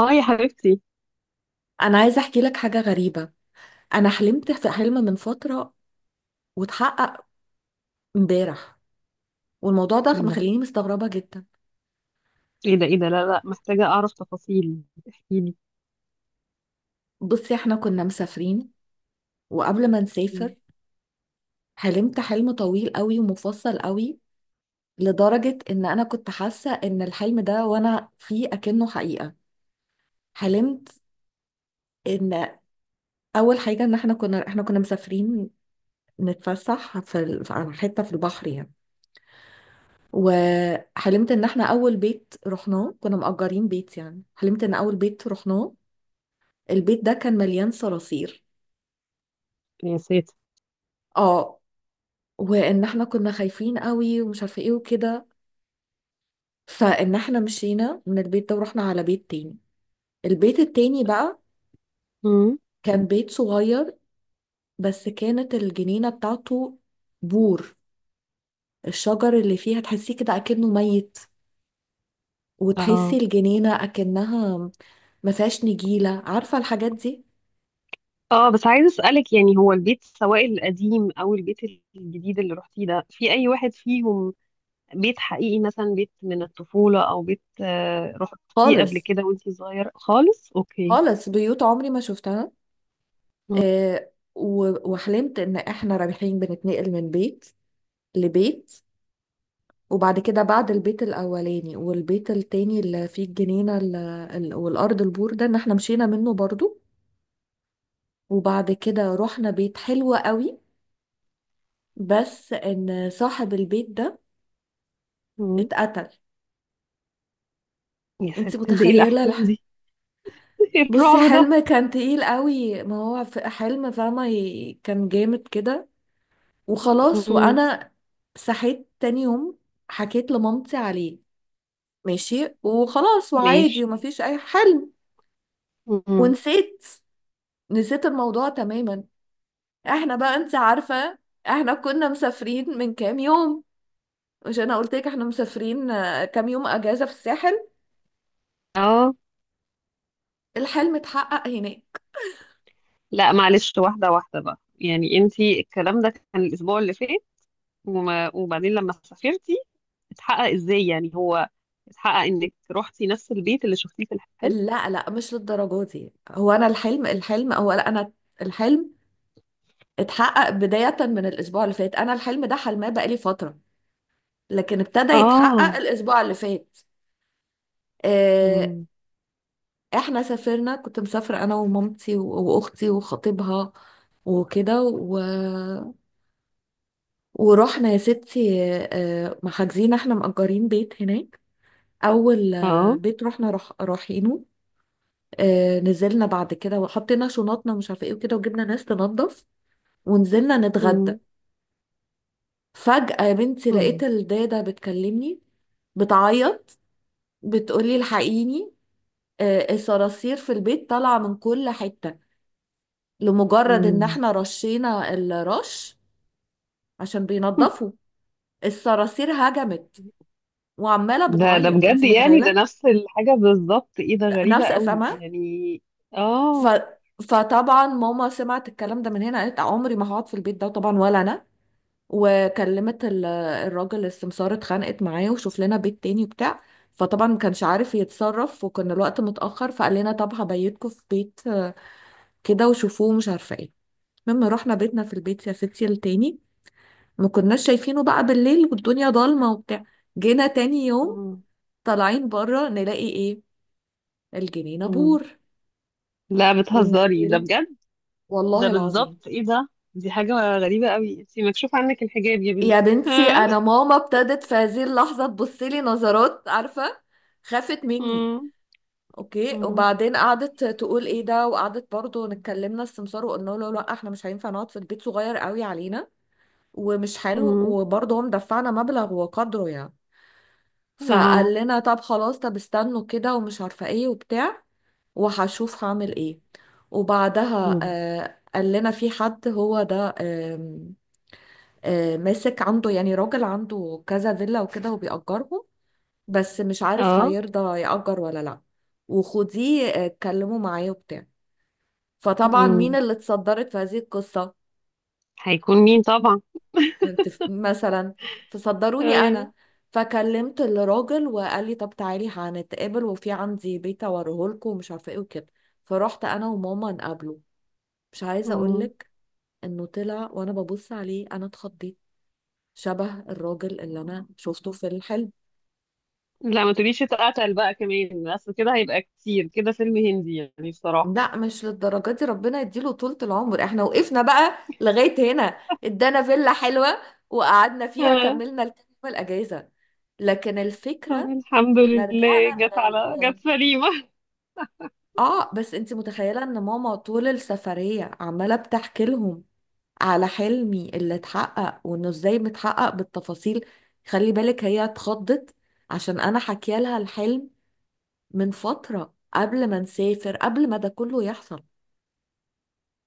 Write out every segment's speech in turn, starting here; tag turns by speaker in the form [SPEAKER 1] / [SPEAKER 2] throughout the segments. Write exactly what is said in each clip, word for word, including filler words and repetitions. [SPEAKER 1] اه، يا حبيبتي.
[SPEAKER 2] انا عايزه احكي لك حاجه غريبه. انا حلمت في حلم من فتره واتحقق امبارح، والموضوع ده
[SPEAKER 1] ايه ده؟
[SPEAKER 2] مخليني مستغربه جدا.
[SPEAKER 1] ايه ده؟ ايه ده؟ لا، لا، محتاجة اعرف تفاصيل. احكيلي.
[SPEAKER 2] بصي، احنا كنا مسافرين وقبل ما
[SPEAKER 1] مم.
[SPEAKER 2] نسافر حلمت حلم طويل قوي ومفصل قوي، لدرجه ان انا كنت حاسه ان الحلم ده وانا فيه اكنه حقيقه. حلمت ان اول حاجه ان احنا كنا احنا كنا مسافرين نتفسح في ال- على حته في البحر يعني. وحلمت ان احنا اول بيت رحناه كنا مأجرين بيت، يعني حلمت ان اول بيت رحناه البيت ده كان مليان صراصير.
[SPEAKER 1] يا ساتر!
[SPEAKER 2] اه، وان احنا كنا خايفين قوي ومش عارفه ايه وكده، فان احنا مشينا من البيت ده ورحنا على بيت تاني. البيت التاني بقى
[SPEAKER 1] امم
[SPEAKER 2] كان بيت صغير، بس كانت الجنينه بتاعته بور، الشجر اللي فيها تحسيه كده اكنه ميت، وتحسي
[SPEAKER 1] اه،
[SPEAKER 2] الجنينه اكنها ما فيهاش نجيله، عارفه الحاجات دي.
[SPEAKER 1] اه، بس عايزة اسألك، يعني هو البيت، سواء القديم او البيت الجديد اللي رحتيه ده، في اي واحد فيهم بيت حقيقي، مثلا بيت من الطفولة او بيت، آه، رحتيه قبل
[SPEAKER 2] خالص،
[SPEAKER 1] كده وانتي صغيرة خالص؟ اوكي.
[SPEAKER 2] خالص بيوت عمري ما شفتها. آه و- وحلمت ان احنا رايحين بنتنقل من بيت لبيت. وبعد كده بعد البيت الاولاني والبيت التاني اللي فيه الجنينة ال- ال- والارض البور ده، ان احنا مشينا منه برضو. وبعد كده رحنا بيت حلو قوي، بس ان صاحب البيت ده
[SPEAKER 1] امم
[SPEAKER 2] اتقتل.
[SPEAKER 1] يا
[SPEAKER 2] انت
[SPEAKER 1] ساتر، ده ايه
[SPEAKER 2] متخيلة
[SPEAKER 1] الاحلام
[SPEAKER 2] الح...
[SPEAKER 1] دي؟ ايه
[SPEAKER 2] بصي،
[SPEAKER 1] الرعب ده؟
[SPEAKER 2] حلم كان تقيل قوي، ما هو في حلم فاهمة، ي- كان جامد كده. وخلاص،
[SPEAKER 1] امم
[SPEAKER 2] وانا صحيت تاني يوم حكيت لمامتي عليه، ماشي وخلاص وعادي
[SPEAKER 1] ماشي.
[SPEAKER 2] ومفيش اي حل.
[SPEAKER 1] امم
[SPEAKER 2] ونسيت، نسيت الموضوع تماما. احنا بقى انت عارفة، احنا كنا مسافرين من كام يوم. مش انا قلت لك احنا مسافرين، آه، كام يوم اجازة في الساحل؟
[SPEAKER 1] اه.
[SPEAKER 2] الحلم اتحقق هناك.
[SPEAKER 1] لا، معلش، واحدة واحدة بقى، يعني انتي الكلام ده كان الأسبوع اللي فات، وما وبعدين لما سافرتي اتحقق ازاي؟ يعني هو اتحقق انك روحتي نفس البيت اللي شفتيه في الحلم؟
[SPEAKER 2] لا لا، مش للدرجة دي، هو انا الحلم الحلم هو لا انا الحلم اتحقق بداية من الاسبوع اللي فات. انا الحلم ده حلماه بقالي فترة، لكن ابتدى
[SPEAKER 1] اه.
[SPEAKER 2] يتحقق الاسبوع اللي فات. آه،
[SPEAKER 1] مم.
[SPEAKER 2] احنا سافرنا، كنت مسافرة انا ومامتي و- واختي وخطيبها وكده و... ورحنا يا ستي. آه، محجزين احنا مأجرين بيت هناك. اول آه،
[SPEAKER 1] اه.
[SPEAKER 2] بيت رحنا رح... رايحينه. آه، نزلنا بعد كده وحطينا شنطنا مش عارفه ايه وكده، وجبنا ناس تنظف ونزلنا نتغدى.
[SPEAKER 1] مم.
[SPEAKER 2] فجأة يا بنتي لقيت
[SPEAKER 1] مم.
[SPEAKER 2] الدادة بتكلمني، بتعيط، بتقولي الحقيني، آه، الصراصير في البيت طالعة من كل حتة. لمجرد ان
[SPEAKER 1] مم.
[SPEAKER 2] احنا رشينا الرش عشان بينضفوا، الصراصير هجمت، وعمالة
[SPEAKER 1] ده ده
[SPEAKER 2] بتعيط، انت
[SPEAKER 1] بجد، يعني ده
[SPEAKER 2] متخيلة؟
[SPEAKER 1] نفس الحاجة بالظبط، ايه ده، غريبة
[SPEAKER 2] نفس،
[SPEAKER 1] قوي
[SPEAKER 2] فاهمة؟
[SPEAKER 1] يعني.
[SPEAKER 2] ف...
[SPEAKER 1] اه.
[SPEAKER 2] فطبعا ماما سمعت الكلام ده من هنا، قالت عمري ما هقعد في البيت ده، طبعا ولا انا. وكلمت ال- الراجل السمسار، اتخانقت معاه وشوف لنا بيت تاني وبتاع. فطبعا ما كانش عارف يتصرف وكان الوقت متأخر، فقال لنا طب هبيتكم في بيت آه، كده وشوفوه مش عارفة ايه. مما رحنا بيتنا في البيت يا ستي التاني، ما كناش شايفينه بقى بالليل والدنيا ضلمة وبتاع. جينا تاني يوم
[SPEAKER 1] مم.
[SPEAKER 2] طالعين بره نلاقي ايه؟ الجنينة
[SPEAKER 1] مم.
[SPEAKER 2] بور
[SPEAKER 1] لا، بتهزري، ده
[SPEAKER 2] والنجيلة،
[SPEAKER 1] بجد. ده
[SPEAKER 2] والله العظيم.
[SPEAKER 1] بالظبط. ايه ده، دي حاجة غريبة قوي، انتي مكشوف عنك الحجاب يا
[SPEAKER 2] يا
[SPEAKER 1] بنتي.
[SPEAKER 2] بنتي انا ماما ابتدت في هذه اللحظة تبص لي نظرات، عارفة؟ خافت مني.
[SPEAKER 1] مم.
[SPEAKER 2] اوكي،
[SPEAKER 1] مم.
[SPEAKER 2] وبعدين قعدت تقول ايه ده، وقعدت برضو نتكلمنا السمسار وقلنا له لا احنا مش هينفع نقعد في البيت، صغير قوي علينا ومش حلو،
[SPEAKER 1] مم.
[SPEAKER 2] وبرضه هم دفعنا مبلغ وقدره يعني. فقال
[SPEAKER 1] اه.
[SPEAKER 2] لنا طب خلاص، طب استنوا كده ومش عارفة ايه وبتاع، وهشوف هعمل ايه. وبعدها
[SPEAKER 1] مم.
[SPEAKER 2] آه قال لنا في حد هو ده آم، آه ماسك عنده، يعني راجل عنده كذا فيلا وكده وبيأجرهم، بس مش عارف
[SPEAKER 1] اه.
[SPEAKER 2] هيرضى يأجر ولا لا. وخديه آه، اتكلموا معاه وبتاع. فطبعا مين
[SPEAKER 1] مم.
[SPEAKER 2] اللي اتصدرت في هذه القصة؟
[SPEAKER 1] هيكون مين طبعا.
[SPEAKER 2] تف- مثلا فصدروني
[SPEAKER 1] ايوه.
[SPEAKER 2] انا. فكلمت الراجل وقال لي طب تعالي هنتقابل وفي عندي بيت اوريه لكم ومش عارفه ايه وكده. فرحت انا وماما نقابله. مش عايزه اقول
[SPEAKER 1] مم.
[SPEAKER 2] لك انه طلع وانا ببص عليه انا اتخضيت، شبه الراجل اللي انا شفته في الحلم.
[SPEAKER 1] لا، ما تقوليش اتقتل بقى كمان، اصل كده هيبقى كتير، كده فيلم هندي يعني بصراحة.
[SPEAKER 2] لا مش للدرجه دي، ربنا يديله طولة العمر، احنا وقفنا بقى لغايه هنا. ادانا فيلا حلوه وقعدنا فيها،
[SPEAKER 1] آه.
[SPEAKER 2] كملنا الكام يوم الأجازة. لكن
[SPEAKER 1] طب
[SPEAKER 2] الفكره،
[SPEAKER 1] الحمد
[SPEAKER 2] احنا
[SPEAKER 1] لله،
[SPEAKER 2] رجعنا من
[SPEAKER 1] جت
[SPEAKER 2] ال...
[SPEAKER 1] على جت
[SPEAKER 2] يعني،
[SPEAKER 1] سليمة.
[SPEAKER 2] اه بس انت متخيلة ان ماما طول السفرية عمالة بتحكي لهم على حلمي اللي اتحقق وانه ازاي متحقق بالتفاصيل. خلي بالك هي اتخضت عشان انا حكي لها الحلم من فترة قبل ما نسافر، قبل ما ده كله يحصل.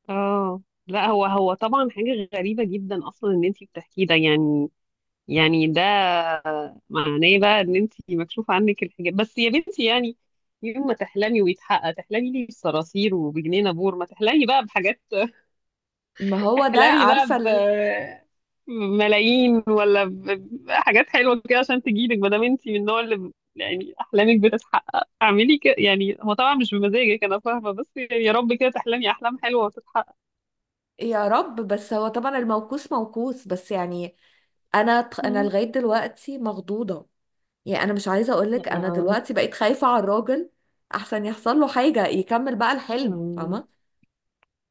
[SPEAKER 1] اه. لا، هو هو طبعا حاجة غريبة جدا اصلا ان انتي بتحكيه ده يعني. يعني ده معناه بقى ان انت مكشوف عنك الحجاب بس يا بنتي يعني. يوم ما تحلمي ويتحقق، تحلمي لي بصراصير وبجنينة بور؟ ما تحلمي بقى بحاجات.
[SPEAKER 2] ما هو ده
[SPEAKER 1] تحلمي بقى
[SPEAKER 2] عارفة
[SPEAKER 1] ب
[SPEAKER 2] ال...
[SPEAKER 1] بملايين ولا ب- بحاجات حلوة كده، عشان تجيلك، ما دام انت من النوع اللي ب- يعني احلامك بتتحقق. اعملي كده يعني، هو طبعا مش بمزاجك، انا فاهمة، بس يعني يا رب كده تحلمي احلام حلوة وتتحقق.
[SPEAKER 2] يا رب. بس هو طبعا الموقوس موقوس، بس يعني انا ت- انا
[SPEAKER 1] مم.
[SPEAKER 2] لغايه دلوقتي مخضوضه. يعني انا مش عايزه
[SPEAKER 1] لا.
[SPEAKER 2] اقولك انا
[SPEAKER 1] آه.
[SPEAKER 2] دلوقتي بقيت خايفه على الراجل، احسن يحصل له حاجه يكمل بقى الحلم،
[SPEAKER 1] آه.
[SPEAKER 2] فاهمه؟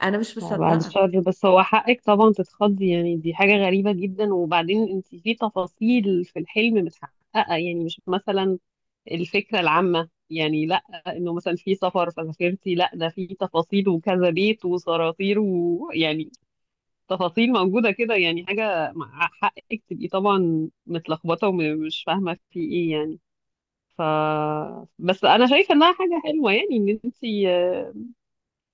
[SPEAKER 2] انا مش
[SPEAKER 1] بعد
[SPEAKER 2] مصدقه.
[SPEAKER 1] الشر، بس هو حقك طبعا تتخضي، يعني دي حاجة غريبة جدا. وبعدين انت في تفاصيل في الحلم متحققة، يعني مش مثلا الفكرة العامة يعني، لا انه مثلا في سفر فسافرتي، لا ده في تفاصيل وكذا بيت وصراطير ويعني تفاصيل موجودة كده، يعني حاجة، مع حقك تبقي طبعا متلخبطة ومش فاهمة في ايه يعني. ف بس انا شايفة انها حاجة حلوة، يعني ان انت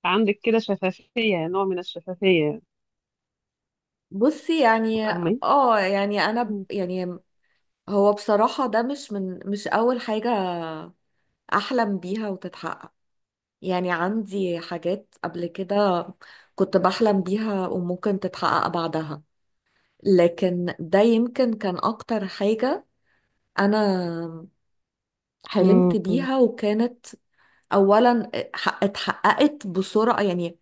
[SPEAKER 1] عندك كده شفافية، نوع من الشفافية.
[SPEAKER 2] بصي يعني،
[SPEAKER 1] فاهمة؟
[SPEAKER 2] اه يعني انا ب-
[SPEAKER 1] مم.
[SPEAKER 2] يعني هو بصراحه ده مش من مش اول حاجه احلم بيها وتتحقق. يعني عندي حاجات قبل كده كنت بحلم بيها وممكن تتحقق بعدها، لكن ده يمكن كان اكتر حاجه انا حلمت
[SPEAKER 1] مم.
[SPEAKER 2] بيها، وكانت اولا ح- اتحققت بسرعه، يعني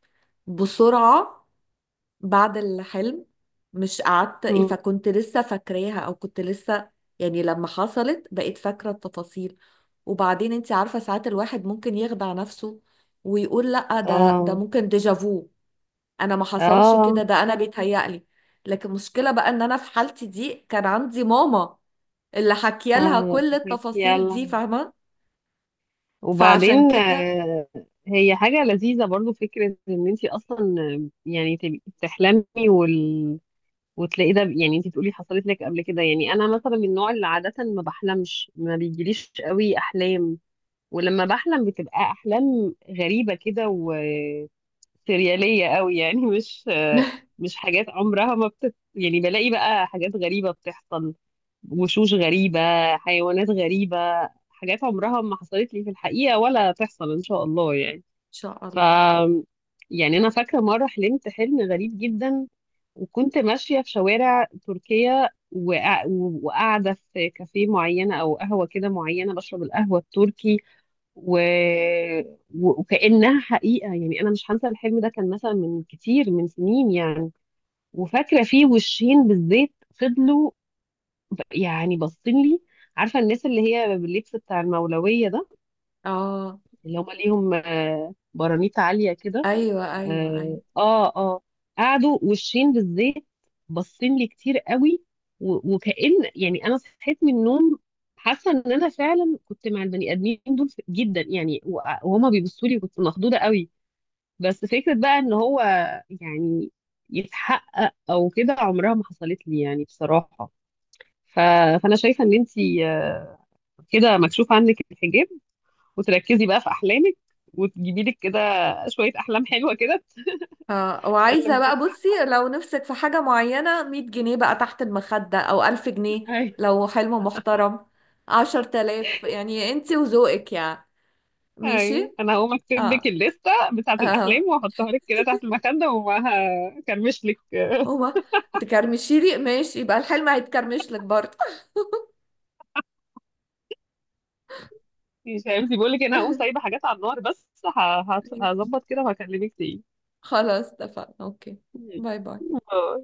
[SPEAKER 2] بسرعه بعد الحلم. مش قعدت ايه، فكنت لسه فاكراها، او كنت لسه يعني لما حصلت بقيت فاكرة التفاصيل. وبعدين انت عارفة ساعات الواحد ممكن يخدع نفسه ويقول لا، ده ده
[SPEAKER 1] اه.
[SPEAKER 2] ممكن ديجافو. انا ما حصلش
[SPEAKER 1] اه.
[SPEAKER 2] كده، ده انا بيتهيألي. لكن المشكلة بقى ان انا في حالتي دي كان عندي ماما، اللي حكي لها
[SPEAKER 1] اه.
[SPEAKER 2] كل
[SPEAKER 1] حك-
[SPEAKER 2] التفاصيل
[SPEAKER 1] يلا.
[SPEAKER 2] دي، فاهمة؟ فعشان
[SPEAKER 1] وبعدين.
[SPEAKER 2] كده
[SPEAKER 1] آه، هي حاجة لذيذة برضو، فكرة ان انتي اصلا آه، يعني تبقي بتحلمي وال... وتلاقي ده، يعني انتي بتقولي حصلت لك قبل كده. يعني انا مثلا من النوع اللي عادة ما بحلمش، ما بيجيليش قوي احلام، ولما بحلم بتبقى احلام غريبة كده وسريالية قوي يعني، مش آه،
[SPEAKER 2] ان
[SPEAKER 1] مش حاجات عمرها ما بتت... يعني، بلاقي بقى حاجات غريبة بتحصل، وشوش غريبة، حيوانات غريبة، حاجات عمرها ما حصلت لي في الحقيقة ولا تحصل إن شاء الله يعني.
[SPEAKER 2] شاء
[SPEAKER 1] ف
[SPEAKER 2] الله.
[SPEAKER 1] يعني أنا فاكرة مرة حلمت حلم غريب جدا، وكنت ماشية في شوارع تركيا وقا- وقاعدة في كافيه معينة أو قهوة كده معينة، بشرب القهوة التركي و... و- وكأنها حقيقة. يعني أنا مش هنسى الحلم ده، كان مثلا من كتير من سنين يعني. وفاكرة فيه وشين بالزيت، فضلوا يعني باصين لي. عارفه الناس اللي هي باللبس بتاع المولويه ده،
[SPEAKER 2] اه،
[SPEAKER 1] اللي هم ليهم آه، برانيت عاليه كده.
[SPEAKER 2] ايوه ايوه ايوه.
[SPEAKER 1] اه. اه. آه. قعدوا وشين بالزيت، باصين لي كتير قوي و- وكأن يعني انا صحيت من النوم، حاسه ان انا فعلا كنت مع البني ادمين دول جدا يعني و- وهما بيبصوا لي، كنت مخضوضه قوي. بس فكره بقى ان هو يعني يتحقق او كده، عمرها ما حصلت لي يعني بصراحه. ف... فانا شايفه ان انتي آه، كده مكشوف عنك الحجاب، وتركزي بقى في احلامك، وتجيبي لك كده شويه احلام حلوه كده.
[SPEAKER 2] اه،
[SPEAKER 1] عشان
[SPEAKER 2] وعايزة
[SPEAKER 1] لما،
[SPEAKER 2] بقى بصي لو نفسك في حاجة معينة مية جنيه بقى تحت المخدة أو ألف جنيه،
[SPEAKER 1] أيوة.
[SPEAKER 2] لو حلم محترم عشر تلاف، يعني انتي وذوقك يعني.
[SPEAKER 1] اي، أي.
[SPEAKER 2] ماشي،
[SPEAKER 1] انا هقوم اكتب لك
[SPEAKER 2] اه
[SPEAKER 1] الليسته بتاعه الاحلام
[SPEAKER 2] اه.
[SPEAKER 1] واحطها لك كده تحت المخده، ومعاها كرمش لك.
[SPEAKER 2] هو تكرمشي لي ماشي، يبقى الحلم هيتكرمش لك برضه.
[SPEAKER 1] مش عارفه، بقول لك انا هقوم سايبه حاجات على النار، بس ه- هت- هظبط كده وهكلمك تاني.
[SPEAKER 2] خلاص، اتفقنا، اوكي. باي باي.
[SPEAKER 1] باي.